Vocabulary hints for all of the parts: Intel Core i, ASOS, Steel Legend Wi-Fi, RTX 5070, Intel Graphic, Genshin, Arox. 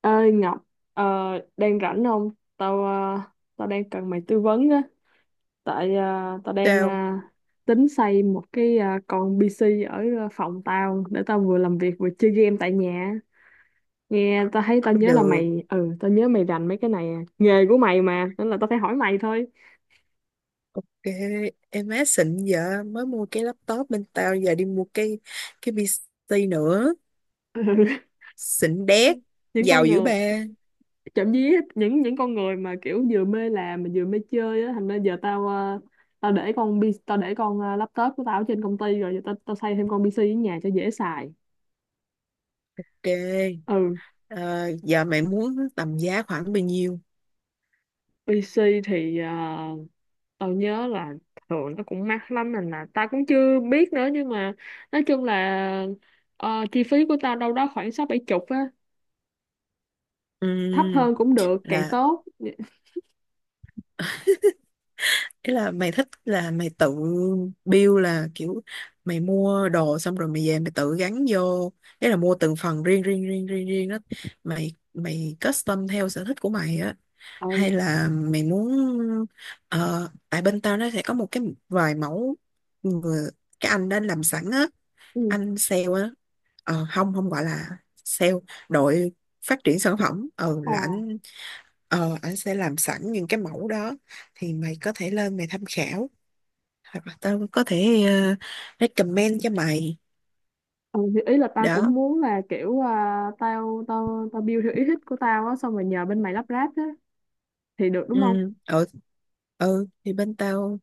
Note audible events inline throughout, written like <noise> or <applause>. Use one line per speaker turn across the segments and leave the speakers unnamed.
Ơi Ngọc, ờ, đang rảnh không? Tao ờ, Tao đang cần mày tư vấn á, tại ờ, tao đang
Tao
ờ, tính xây một cái con PC ở phòng tao để tao vừa làm việc vừa chơi game tại nhà. Nghe tao thấy tao nhớ là
được.
tao nhớ mày rành mấy cái này, à nghề của mày mà, nên là tao phải hỏi mày thôi.
Ok. Em má xịn, vợ mới mua cái laptop, bên tao giờ đi mua cái PC nữa.
<laughs>
Xịn đét.
Ừ. Những
Giàu
con
dữ
người,
ba.
chậm dí, những con người mà kiểu vừa mê làm mà vừa mê chơi á, thành ra giờ tao để tao để con laptop của tao ở trên công ty rồi, giờ tao tao xây thêm con PC ở nhà cho dễ xài.
Ok.
Ừ.
Ờ, Giờ mày muốn tầm giá khoảng bao nhiêu?
PC thì tao nhớ là thường nó cũng mắc lắm nên là tao cũng chưa biết nữa, nhưng mà nói chung là chi phí của tao đâu đó khoảng sáu bảy chục á, thấp
Ừm,
hơn cũng được càng
là
tốt.
ý là mày thích là mày tự build, là kiểu mày mua đồ xong rồi mày về mày tự gắn vô, đấy là mua từng phần riêng riêng riêng riêng riêng đó, mày mày custom theo sở thích của mày á,
Ừ.
hay là mày muốn tại bên tao nó sẽ có một cái vài mẫu người, cái anh đó làm sẵn á,
Ừ.
anh sale á. Ờ, không không gọi là sale, đội phát triển sản phẩm
Ờ.
là anh, anh sẽ làm sẵn những cái mẫu đó thì mày có thể lên mày tham khảo, hoặc là tao có thể recommend cho mày.
Ừ, thì ý là tao
Đó.
cũng muốn là kiểu à, tao tao tao build theo ý thích của tao á, xong rồi nhờ bên mày lắp ráp á, thì được
Ừ.
đúng không?
Ừ. Ừ thì bên tao,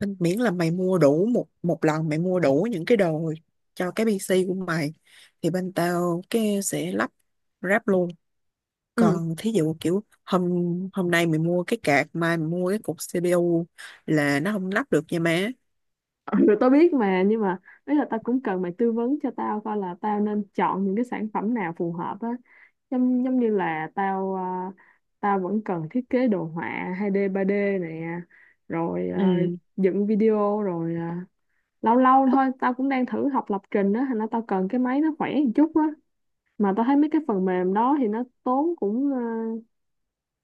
nên miễn là mày mua đủ một một lần, mày mua đủ những cái đồ cho cái PC của mày thì bên tao cái sẽ lắp ráp luôn.
Ừ.
Còn thí dụ kiểu hôm hôm nay mày mua cái card, mai mày mua cái cục CPU là nó không lắp được nha má.
Ừ, <laughs> tao biết mà, nhưng mà ý là tao cũng cần mày tư vấn cho tao coi là tao nên chọn những cái sản phẩm nào phù hợp á. Giống giống như là tao vẫn cần thiết kế đồ họa 2D 3D nè, rồi
Ừ.
dựng video, rồi lâu lâu thôi tao cũng đang thử học lập trình á, thành ra tao cần cái máy nó khỏe một chút á. Mà tao thấy mấy cái phần mềm đó thì nó tốn cũng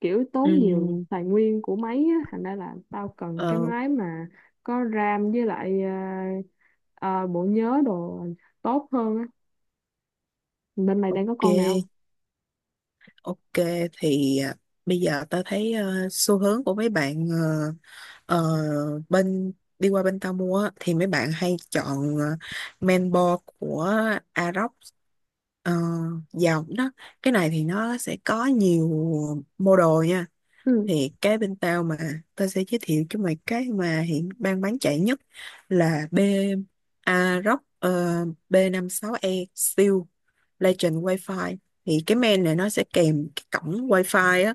kiểu tốn
Ừ.
nhiều tài nguyên của máy á. Thành ra là tao cần cái
Ờ.
máy mà có RAM với lại ờ, bộ nhớ đồ tốt hơn á. Bên mày đang có
Ok.
con nào?
Ok. Thì à, bây giờ tao thấy xu hướng của mấy bạn Ờ, bên đi qua bên tao mua á, thì mấy bạn hay chọn men bo của Arox, ờ, dòng đó, cái này thì nó sẽ có nhiều model nha.
Ừ,
Thì cái bên tao mà tao sẽ giới thiệu cho mày cái mà hiện đang bán chạy nhất là B Arox bê năm sáu e Steel Legend Wi-Fi. Thì cái men này nó sẽ kèm cái cổng Wi-Fi á,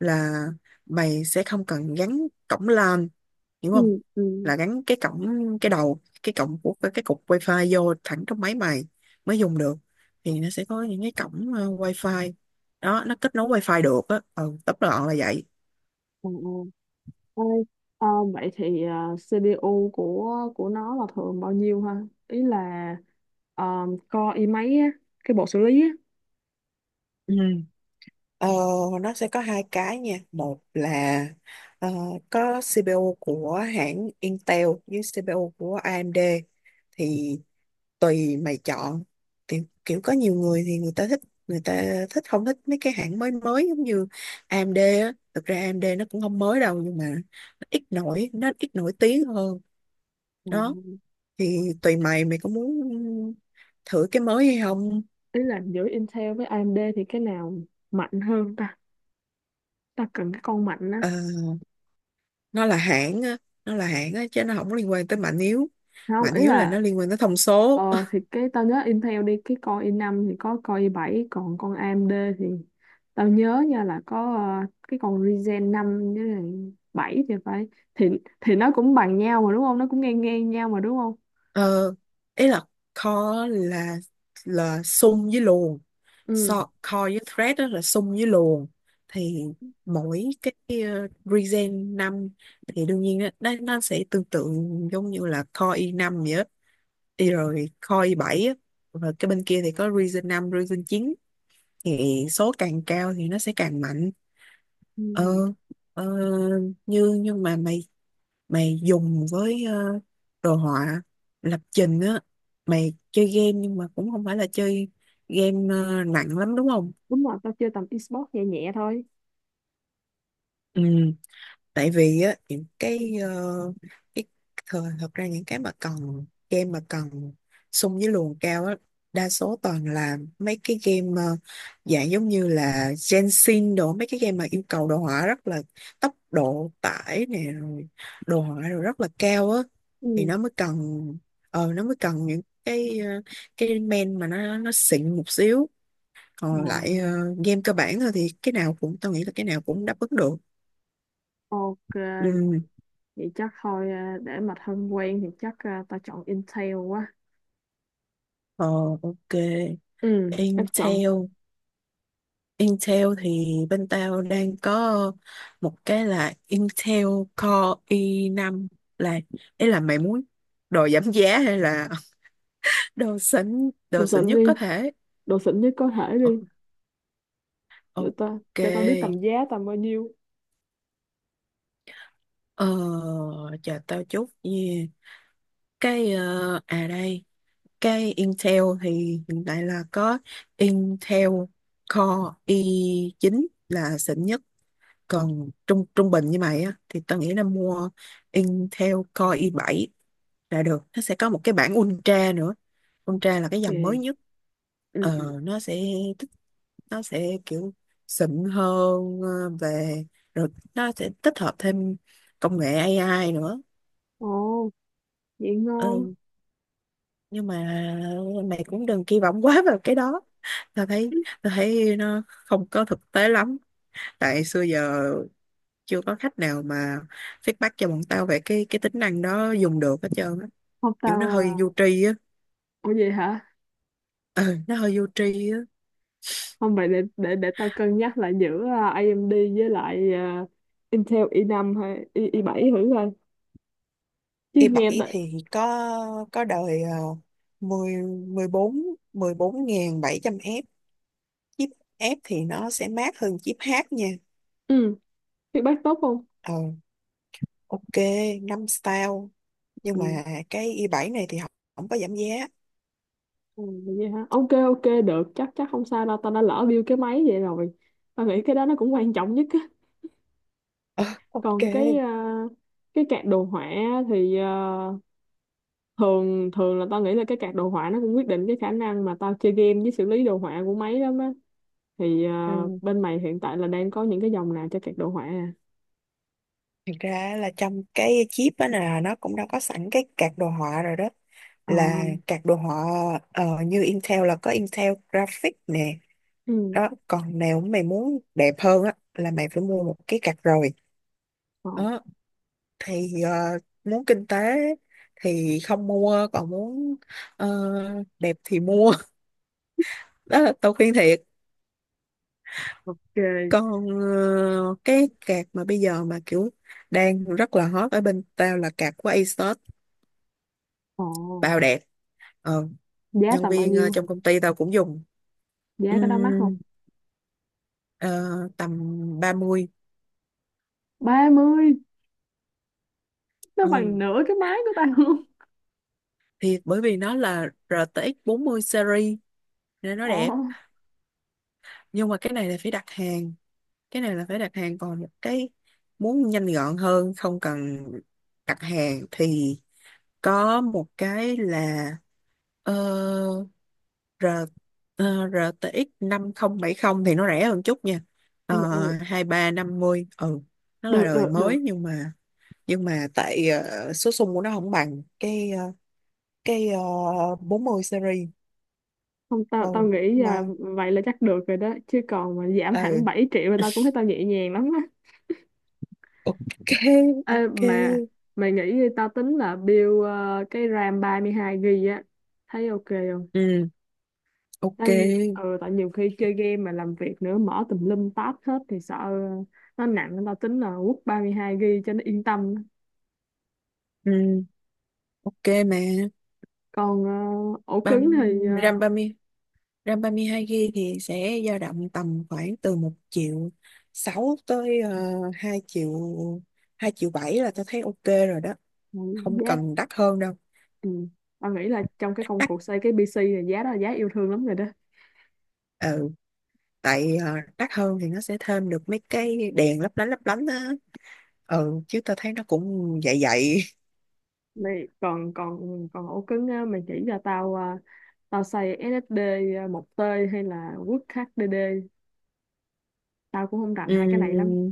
là mày sẽ không cần gắn cổng LAN, hiểu không?
ừ, ừ.
Là gắn cái cổng, cái đầu cái cổng của cái cục wifi vô thẳng trong máy mày mới dùng được. Thì nó sẽ có những cái cổng wifi đó, nó kết nối wifi được á. Ừ, tóm gọn là vậy.
Ờ, ờ. Ê, ờ, vậy thì CPU của nó là thường bao nhiêu ha? Ý là core i mấy á, cái bộ xử lý á.
Ừ. Ờ, nó sẽ có hai cái nha, một là ờ, có CPU của hãng Intel với CPU của AMD, thì tùy mày chọn. Kiểu có nhiều người thì người ta thích, người ta thích không thích mấy cái hãng mới mới giống như AMD á. Thực ra AMD nó cũng không mới đâu nhưng mà nó ít nổi tiếng hơn.
Ừ.
Đó thì tùy mày, mày có muốn thử cái mới hay không.
Ý là giữa Intel với AMD thì cái nào mạnh hơn ta? Ta cần cái con mạnh á.
Ờ, nó là hãng á, chứ nó không có liên quan tới mạnh yếu,
Không,
mạnh
ý
yếu là
là
nó liên quan tới thông
ờ,
số.
thì cái tao nhớ Intel đi, cái con i năm thì có con i bảy, còn con AMD thì tao nhớ nha là có cái con Ryzen 5 với lại 7 thì phải, thì thì nó cũng bằng nhau mà đúng không, nó cũng ngang ngang nhau mà đúng không?
Ờ, ý là core là sum với luồn.
Ừ,
So, core với thread đó là sum với luồn. Thì mỗi cái regen 5 thì đương nhiên nó sẽ tương tự giống như là core i5 vậy á. Y rồi core i7 á. Rồi cái bên kia thì có regen 5, regen 9. Thì số càng cao thì nó sẽ càng mạnh.
ừ.
Ờ, ờ, như nhưng mà mày mày dùng với đồ họa, lập trình á, mày chơi game nhưng mà cũng không phải là chơi game nặng lắm đúng không?
Đúng rồi, tao chơi tầm esports nhẹ nhẹ thôi.
Ừ, tại vì á những cái cái thời, thật ra những cái mà cần game mà cần xung với luồng cao á, đa số toàn là mấy cái game dạng giống như là Genshin đồ, mấy cái game mà yêu cầu đồ họa rất là, tốc độ tải nè rồi đồ họa rồi rất là cao á. Thì
Ừ.
nó mới cần nó mới cần những cái cái main mà nó xịn một xíu.
Ờ.
Còn lại game cơ bản thôi thì cái nào cũng, tao nghĩ là cái nào cũng đáp ứng được.
Ok,
Ừ.
vậy chắc thôi, để mà thân quen thì chắc tao chọn Intel quá.
Ờ. Ok.
Ừ, chắc chọn.
Intel. Intel thì bên tao đang có một cái là Intel Core i năm là, ý là mày muốn đồ giảm giá hay là <laughs> đồ xịn,
Đồ
đồ xịn
xịn
nhất có
đi,
thể.
đồ xịn nhất có thể
Ờ,
đi. Để
ok.
ta, cho tao biết tầm giá tầm bao nhiêu.
ờ Chờ tao chút nha. Cái à đây, cái Intel thì hiện tại là có Intel Core i chín là xịn nhất. Còn trung trung bình như mày á thì tao nghĩ là mua Intel Core i7 là được. Nó sẽ có một cái bản Ultra nữa.
Ok.
Ultra là cái dòng mới nhất.
Ừ, ừ.
Nó sẽ tích nó sẽ kiểu xịn hơn ờ, về rồi nó sẽ tích hợp thêm công nghệ AI nữa.
Ồ, vậy ngon.
Ừ, nhưng mà mày cũng đừng kỳ vọng quá vào cái đó. tao thấy Tao thấy nó không có thực tế lắm. Tại xưa giờ chưa có khách nào mà feedback cho bọn tao về cái tính năng đó dùng được hết trơn á.
Không
Kiểu nó
tao à.
hơi vô tri á.
Ủa vậy hả?
Ừ, nó hơi vô tri á.
Không, vậy để để tao cân nhắc lại giữa AMD với lại Intel i năm hay i7 thử coi. Chứ nghe
i7
lại
thì có đời uh, 10, 14, 14.700 F chip. F thì nó sẽ mát hơn chip H nha.
ừ, feedback tốt không?
Ờ. Ok. Năm style. Nhưng
Ừ.
mà cái i bảy này thì không, không có giảm giá.
Ừ. Vậy hả? Ok ok được, chắc chắc không sao đâu, tao đã lỡ build cái máy vậy rồi. Tao nghĩ cái đó nó cũng quan trọng nhất á.
Ờ. Ok.
Còn cái card đồ họa thì à, thường thường là tao nghĩ là cái card đồ họa nó cũng quyết định cái khả năng mà tao chơi game với xử lý đồ họa của máy lắm á, thì
Ừ.
bên mày hiện tại là đang có những cái dòng nào cho card đồ họa à?
Thực ra là trong cái chip á là nó cũng đâu có sẵn cái card đồ họa rồi đó,
Ờ.
là các đồ họa như Intel là có Intel Graphic nè.
Ừ.
Đó, còn nếu mày muốn đẹp hơn á là mày phải mua một cái card rồi.
Ờ.
Đó thì muốn kinh tế thì không mua, còn muốn ờ, đẹp thì mua <laughs> đó là tao khuyên thiệt.
Ok.
Còn cái card mà bây giờ mà kiểu đang rất là hot ở bên tao là card của ASOS,
Ờ.
bao đẹp. Ờ,
Giá
nhân
tầm bao
viên
nhiêu?
trong công ty tao cũng dùng.
Giá có đó mắc không?
Ừm, ờ, Tầm 30.
30, nó
Ừ.
bằng nửa cái máy của tao luôn.
Thiệt, bởi vì nó là RTX 40 series nên nó
Ờ.
đẹp. Nhưng mà cái này là phải đặt hàng. Còn một cái muốn nhanh gọn hơn không cần đặt hàng thì có một cái là ờ, R, RTX 5070 thì nó rẻ hơn chút nha.
Ừ, ừ.
2350. Ừ, nó là
Được
đời
được được,
mới nhưng mà, tại số sung của nó không bằng cái cái 40 series.
không
Ừ
tao tao nghĩ
mà.
là vậy là chắc được rồi đó, chứ còn mà giảm hẳn
Ừ.
7 triệu là tao cũng thấy tao nhẹ nhàng lắm.
Ok.
Ê,
Ok.
mà mày nghĩ tao tính là build cái RAM 32 GB á, thấy ok không?
Ừ. Ok.
Tại, ừ, tại nhiều khi chơi game mà làm việc nữa, mở tùm lum tab hết thì sợ nó nặng nên tao tính là quất 32 GB cho nó yên tâm.
Ừ. Ok mà
Còn ổ
băng
cứng thì
ram ba mươi, ram ba mươi hai gb thì sẽ dao động tầm khoảng từ một triệu sáu tới hai triệu, hai triệu bảy là tôi thấy ok rồi đó,
ừ,
không
giá
cần đắt hơn đâu.
ừ. Tao nghĩ là trong cái công
Đắt.
cuộc xây cái PC này giá đó là giá yêu thương lắm rồi đó.
Ừ, tại đắt hơn thì nó sẽ thêm được mấy cái đèn lấp lánh á. Ừ chứ tao thấy nó cũng vậy vậy.
Mày còn còn còn ổ cứng á, mày chỉ cho tao tao xây SSD một t hay là quất HDD, tao cũng không
<laughs>
rành hai cái này lắm.
Ừ,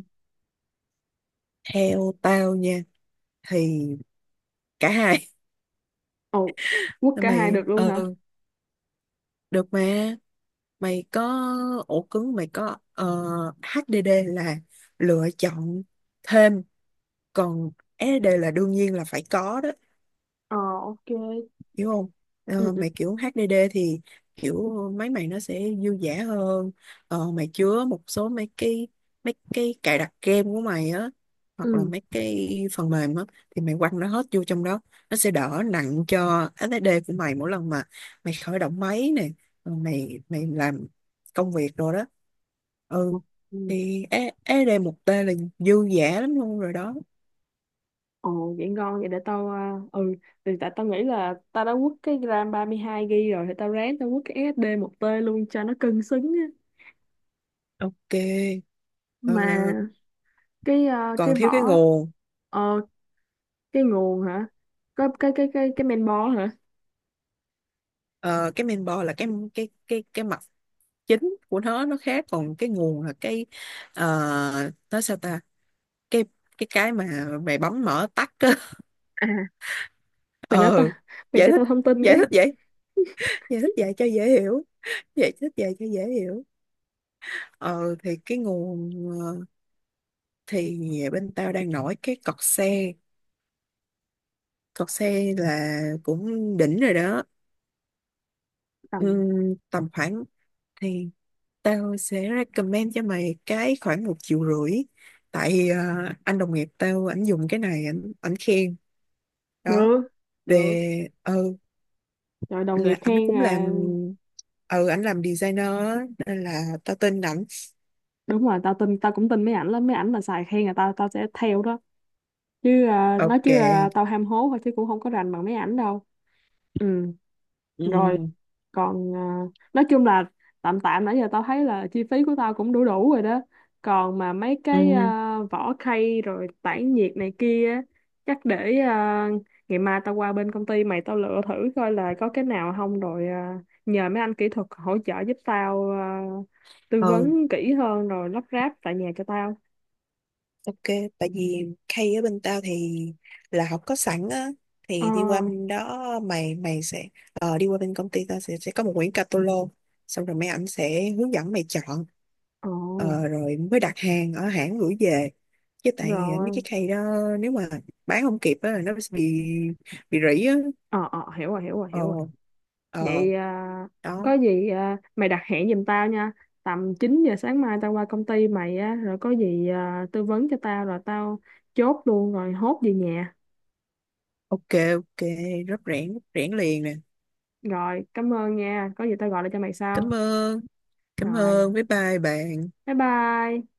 theo tao nha thì cả hai.
Ồ, quất
<laughs>
cả hai
Mày
được luôn hả?
ừ. Được mà, mày có ổ cứng, mày có HDD là lựa chọn thêm, còn SSD là đương nhiên là phải có đó,
Ờ ok.
hiểu không.
Ừ
Ờ,
ừ.
mà kiểu HDD thì kiểu máy mày nó sẽ dư dả hơn. Mày chứa một số mấy cái, cài đặt game của mày á, hoặc là
Ừ.
mấy cái phần mềm á, thì mày quăng nó hết vô trong đó, nó sẽ đỡ nặng cho SSD của mày mỗi lần mà mày khởi động máy nè, rồi mày mày làm công việc rồi đó. Ừ,
Ừ.
thì SSD một tê là dư dả lắm luôn rồi đó.
Ồ vậy ngon, vậy để tao à, ừ, thì tại tao nghĩ là tao đã quất cái ram 32 GB rồi thì tao ráng tao quất cái SSD một tê luôn cho nó cân xứng á.
Ok. Ờ,
Mà
còn
cái
thiếu cái
vỏ,
nguồn.
ờ cái nguồn hả? Có cái cái main board hả?
Ờ, cái main board là cái mặt chính của nó khác, còn cái nguồn là cái nói sao ta, cái cái mà mày bấm mở tắt á <laughs>
À, mày nói tao,
ờ,
mày
giải
cho
thích,
tao thông tin
giải
cái
thích vậy giải thích vậy cho dễ hiểu giải thích vậy cho dễ hiểu. Ờ thì cái nguồn, ờ, thì bên tao đang nổi cái cọt xe, cọt xe là cũng đỉnh rồi đó.
tầm.
Tầm khoảng thì tao sẽ recommend cho mày cái khoảng một triệu rưỡi. Tại anh đồng nghiệp tao, ảnh dùng cái này, ảnh ảnh khen. Đó.
Được, được
Về. Ừ.
rồi, đồng nghiệp
Là ảnh
khen
cũng làm,
à?
ừ ảnh làm designer á, nên là tao tin ảnh.
Đúng rồi, tao tin, tao cũng tin mấy ảnh lắm, mấy ảnh mà xài khen là tao tao sẽ theo đó. Chứ à, nói
Ok.
chứ à, tao ham hố thôi chứ cũng không có rành bằng mấy ảnh đâu. Ừ.
Ừ.
Rồi còn à, nói chung là tạm tạm nãy giờ tao thấy là chi phí của tao cũng đủ đủ rồi đó. Còn mà mấy cái à, vỏ khay rồi tản nhiệt này kia á, chắc để à, ngày mai tao qua bên công ty mày tao lựa thử coi là có cái nào không, rồi à, nhờ mấy anh kỹ thuật hỗ trợ giúp tao à, tư
Ừ.
vấn kỹ hơn rồi lắp ráp tại nhà cho tao.
Ok, tại vì Kay ở bên tao thì là học có sẵn á,
Ờ.
thì đi qua bên đó mày mày sẽ đi qua bên công ty tao sẽ, có một quyển catalog, xong rồi mấy ảnh sẽ hướng dẫn mày chọn,
Ờ.
rồi mới đặt hàng ở hãng gửi về. Chứ tại mấy cái
Rồi.
Kay đó nếu mà bán không kịp á là nó sẽ bị rỉ á.
Ờ ờ, hiểu rồi hiểu rồi
Ờ.
hiểu rồi.
Ờ.
Vậy à,
Đó.
có gì à, mày đặt hẹn giùm tao nha, tầm 9 giờ sáng mai tao qua công ty mày á, rồi có gì à, tư vấn cho tao rồi tao chốt luôn rồi hốt về nhà.
Ok. Ok. Rất rẽn, rất rẽn liền nè.
Rồi cảm ơn nha, có gì tao gọi lại cho mày sau.
Cảm ơn. Cảm
Rồi
ơn, bye bye bạn.
bye bye.